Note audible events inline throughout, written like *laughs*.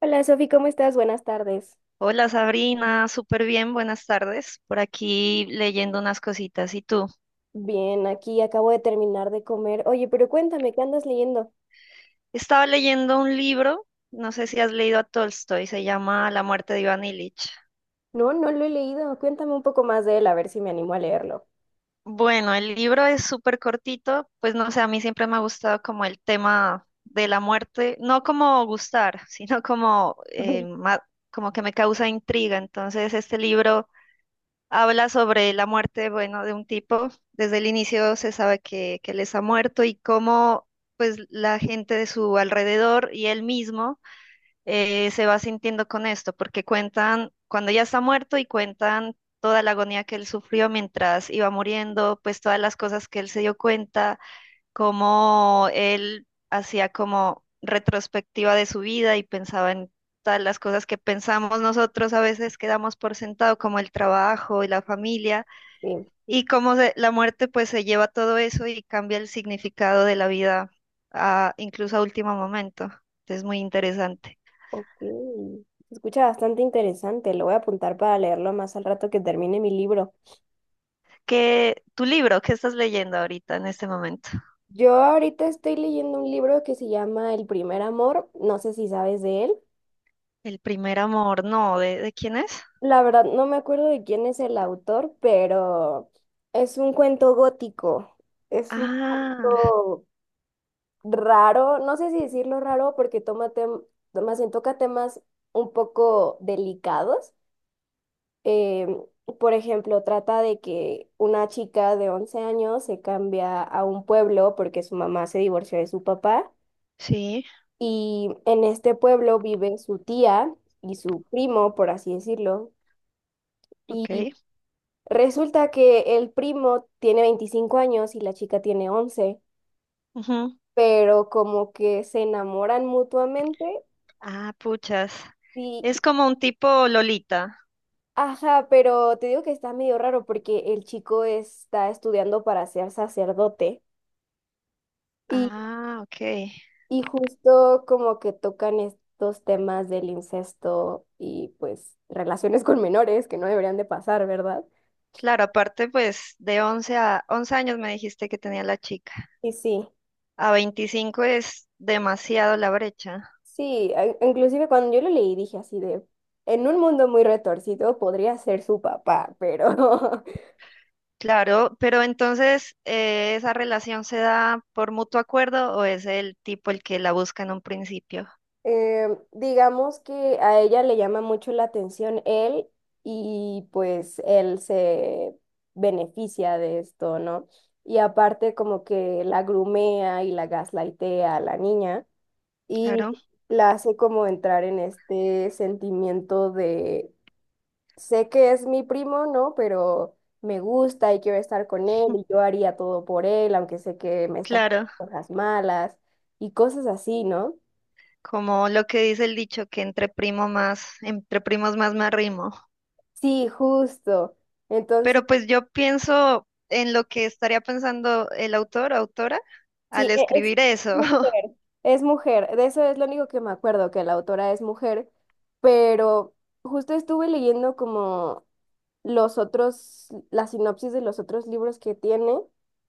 Hola Sofi, ¿cómo estás? Buenas tardes. Hola Sabrina, súper bien, buenas tardes. Por aquí leyendo unas cositas. ¿Y tú? Bien, aquí acabo de terminar de comer. Oye, pero cuéntame, ¿qué andas leyendo? Estaba leyendo un libro, no sé si has leído a Tolstoy, se llama La muerte de Iván Ilich. No, no lo he leído. Cuéntame un poco más de él, a ver si me animo a leerlo. Bueno, el libro es súper cortito, pues no sé, a mí siempre me ha gustado como el tema de la muerte, no como gustar, *laughs* sino como, *laughs* Ok. Como que me causa intriga. Entonces este libro... habla sobre la muerte, bueno, de un tipo. Desde el inicio se sabe que él está muerto y cómo, pues, la gente de su alrededor y él mismo se va sintiendo con esto, porque cuentan cuando ya está muerto y cuentan toda la agonía que él sufrió mientras iba muriendo, pues todas las cosas que él se dio cuenta cómo él hacía como retrospectiva de su vida y pensaba en todas las cosas que pensamos nosotros a veces quedamos por sentado, como el trabajo y la familia, Sí, y la muerte pues se lleva todo eso y cambia el significado de la vida a, incluso a último momento. Es muy interesante. ok. Se escucha bastante interesante. Lo voy a apuntar para leerlo más al rato que termine mi libro. ¿Qué, tu libro, qué estás leyendo ahorita en este momento? Yo ahorita estoy leyendo un libro que se llama El primer amor. No sé si sabes de él. El primer amor, no, ¿de quién es? La verdad, no me acuerdo de quién es el autor, pero es un cuento gótico. Es un Ah, poco raro, no sé si decirlo raro, porque más bien toca temas un poco delicados. Em, por ejemplo, trata de que una chica de 11 años se cambia a un pueblo porque su mamá se divorció de su papá sí, y en este pueblo vive su tía y su primo, por así decirlo. Y ok. resulta que el primo tiene 25 años y la chica tiene 11, Ujú. pero como que se enamoran mutuamente. Ah, puchas. Y Es como un tipo Lolita. Ajá, pero te digo que está medio raro porque el chico está estudiando para ser sacerdote y, Ah, ok. y justo como que tocan estos temas del incesto y pues relaciones con menores que no deberían de pasar, ¿verdad? Claro, aparte pues de 11 a once años me dijiste que tenía la chica. Y sí, A 25 es demasiado la brecha. sí, inclusive cuando yo lo leí dije así de, en un mundo muy retorcido podría ser su papá, pero *laughs* Claro, pero entonces ¿esa relación se da por mutuo acuerdo o es el tipo el que la busca en un principio? Digamos que a ella le llama mucho la atención él y pues él se beneficia de esto, ¿no? Y aparte como que la grumea y la gaslightea a la niña y Claro, la hace como entrar en este sentimiento de, sé que es mi primo, ¿no? Pero me gusta y quiero estar con él y yo haría todo por él, aunque sé que me está haciendo claro. cosas malas y cosas así, ¿no? Como lo que dice el dicho que entre primo más, entre primos más me arrimo. Sí, justo. Entonces, Pero pues yo pienso en lo que estaría pensando el autor o autora al sí, es escribir eso. *laughs* mujer, es mujer. De eso es lo único que me acuerdo, que la autora es mujer, pero justo estuve leyendo como los otros, la sinopsis de los otros libros que tiene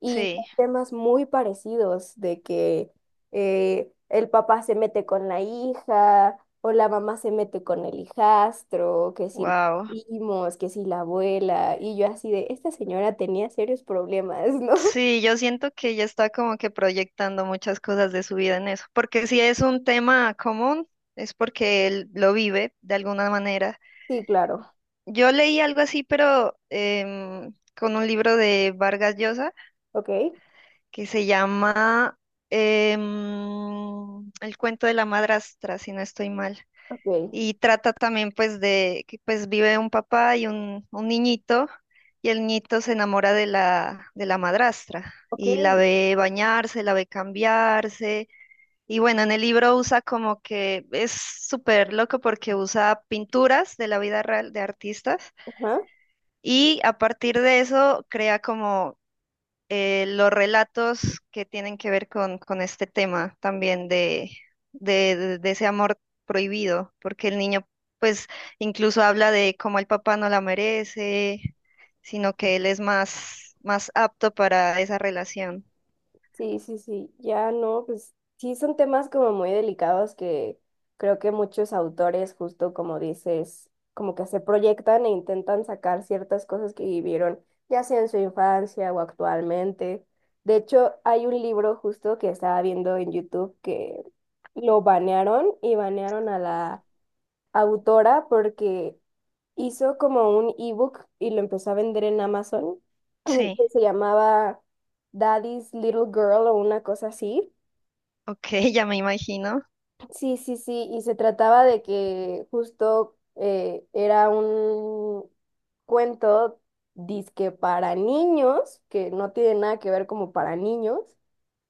y son Sí, temas muy parecidos, de que el papá se mete con la hija o la mamá se mete con el hijastro, que si los wow. primos, que si la abuela, y yo así de, esta señora tenía serios problemas, *laughs* ¿no? Sí, yo siento que ella está como que proyectando muchas cosas de su vida en eso, porque si es un tema común, es porque él lo vive de alguna manera. Sí, claro. Yo leí algo así, pero con un libro de Vargas Llosa Ok, que se llama El cuento de la madrastra, si no estoy mal, ok, y trata también pues de que pues vive un papá y un niñito y el niñito se enamora de la madrastra ok. y la ve bañarse, la ve cambiarse y bueno, en el libro usa como que es súper loco porque usa pinturas de la vida real de artistas Ajá. y a partir de eso crea como los relatos que tienen que ver con este tema también de ese amor prohibido, porque el niño pues incluso habla de cómo el papá no la merece, sino que él es más, más apto para esa relación. Sí, sí, sí. Ya no, pues sí son temas como muy delicados que creo que muchos autores, justo como dices, como que se proyectan e intentan sacar ciertas cosas que vivieron, ya sea en su infancia o actualmente. De hecho, hay un libro justo que estaba viendo en YouTube que lo banearon y banearon a la autora porque hizo como un ebook y lo empezó a vender en Amazon *clears throat* que Sí, se llamaba Daddy's Little Girl o una cosa así. ok, *laughs* ya me imagino. Sí, sí, sí, y se trataba de que justo era un cuento disque para niños, que no tiene nada que ver como para niños.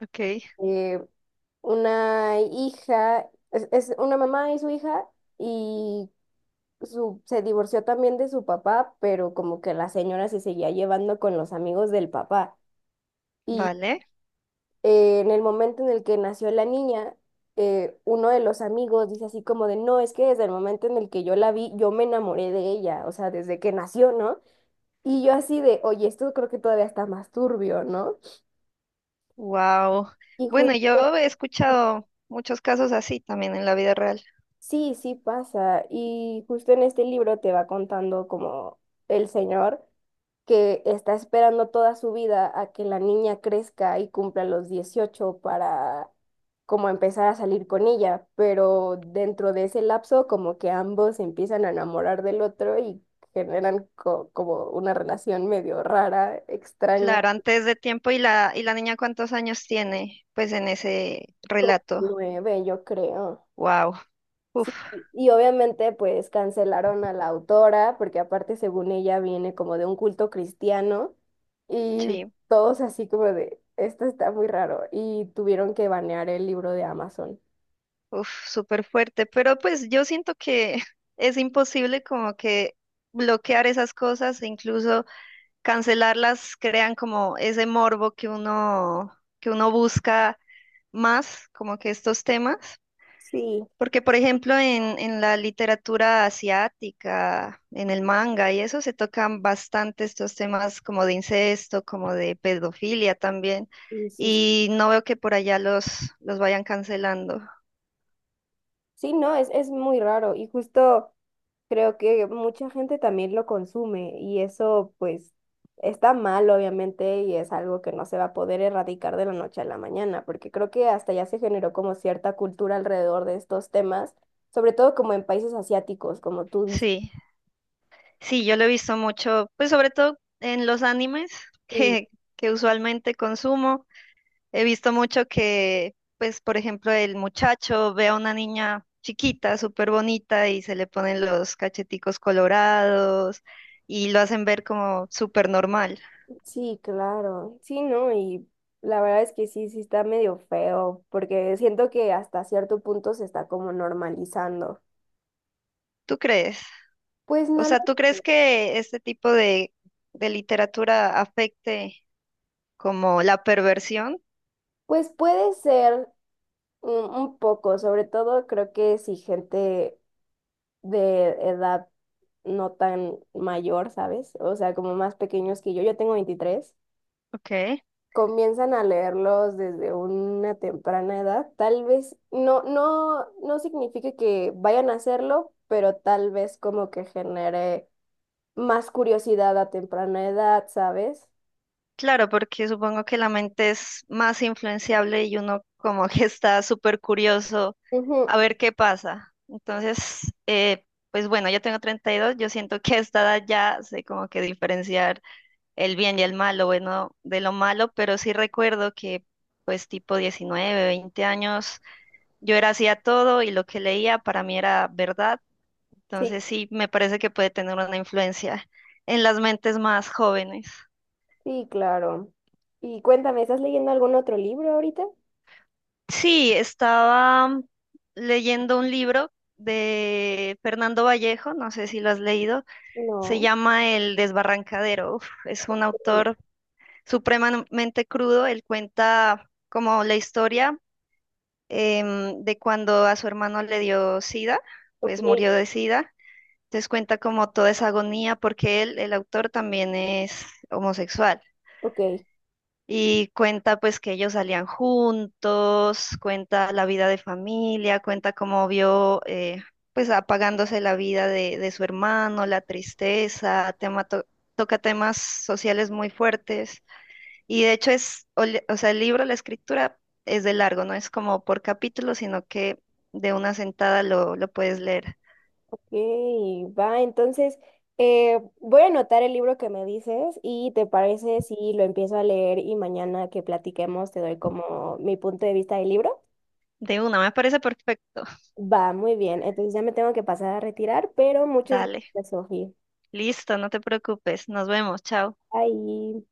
Ok, eh, una hija, es, una mamá y su hija, y se divorció también de su papá, pero como que la señora se seguía llevando con los amigos del papá. Y vale. En el momento en el que nació la niña, uno de los amigos dice así como de, no, es que desde el momento en el que yo la vi, yo me enamoré de ella, o sea, desde que nació, ¿no? Y yo así de, oye, esto creo que todavía está más turbio, ¿no? Wow. Y Bueno, justo, yo he escuchado muchos casos así también en la vida real. sí, sí pasa. Y justo en este libro te va contando como el señor que está esperando toda su vida a que la niña crezca y cumpla los 18 para como empezar a salir con ella, pero dentro de ese lapso como que ambos se empiezan a enamorar del otro y generan como una relación medio rara, extraña, Claro, antes de tiempo y la niña cuántos años tiene, pues en ese como relato. 9, yo creo. Wow. Uf, Sí, y obviamente pues cancelaron a la autora, porque aparte según ella viene como de un culto cristiano, y sí, todos así como de, esto está muy raro, y tuvieron que banear el libro de Amazon. uf, súper fuerte. Pero pues yo siento que *laughs* es imposible como que bloquear esas cosas, e incluso cancelarlas, crean como ese morbo que uno busca más, como que estos temas. Sí. Porque, por ejemplo, en la literatura asiática, en el manga y eso, se tocan bastante estos temas como de incesto, como de pedofilia también. Y sí, Y no veo que por allá los vayan cancelando. sí, no, es muy raro, y justo. Creo que mucha gente también lo consume y eso pues está mal obviamente y es algo que no se va a poder erradicar de la noche a la mañana, porque creo que hasta ya se generó como cierta cultura alrededor de estos temas, sobre todo como en países asiáticos, como tú dices. Sí, sí, yo lo he visto mucho, pues sobre todo en los animes *laughs* Sí, que, que usualmente consumo. He visto mucho que, pues, por ejemplo, el muchacho ve a una niña chiquita, súper bonita, y se le ponen los cacheticos colorados y lo hacen ver como súper normal. sí, claro. Sí, ¿no? Y la verdad es que sí, sí está medio feo, porque siento que hasta cierto punto se está como normalizando. ¿Tú crees? Pues O no, sea, ¿tú crees que este tipo de literatura afecte como la perversión? pues puede ser, un poco, sobre todo creo que si gente de edad no tan mayor, ¿sabes? O sea, como más pequeños que yo tengo 23, Ok. comienzan a leerlos desde una temprana edad. Tal vez no, no, no signifique que vayan a hacerlo, pero tal vez como que genere más curiosidad a temprana edad, ¿sabes? Claro, porque supongo que la mente es más influenciable y uno como *laughs* que está súper curioso Ujú, a ver qué pasa. Entonces, pues bueno, yo tengo 32, yo siento que a esta edad ya sé como que diferenciar el bien y el mal, lo bueno de lo malo, pero sí recuerdo que pues tipo 19, 20 años, yo era así a todo y lo que leía para mí era verdad. sí, Entonces sí, me parece que puede tener una influencia en las mentes más jóvenes. sí, claro. Y cuéntame, ¿estás leyendo algún otro libro ahorita? Sí, estaba leyendo un libro de Fernando Vallejo, no sé si lo has leído, se No. llama El Desbarrancadero. Uf, es un autor supremamente crudo, él cuenta como la historia de cuando a su hermano le dio SIDA, Ok, pues murió de SIDA. Entonces cuenta como toda esa agonía porque él, el autor, también es homosexual. ok, Y cuenta pues que ellos salían juntos, cuenta la vida de familia, cuenta cómo vio pues apagándose la vida de su hermano, la tristeza, toca temas sociales muy fuertes. Y de hecho es, o sea, el libro, la escritura es de largo, no es como por capítulo, sino que de una sentada lo puedes leer. ok, va, entonces voy a anotar el libro que me dices y te parece si lo empiezo a leer y mañana que platiquemos te doy como mi punto de vista del libro. De una, me parece perfecto. Va, muy bien, entonces ya me tengo que pasar a retirar, pero muchas Dale, gracias, Sofía. listo, no te preocupes, nos vemos, chao. Bye.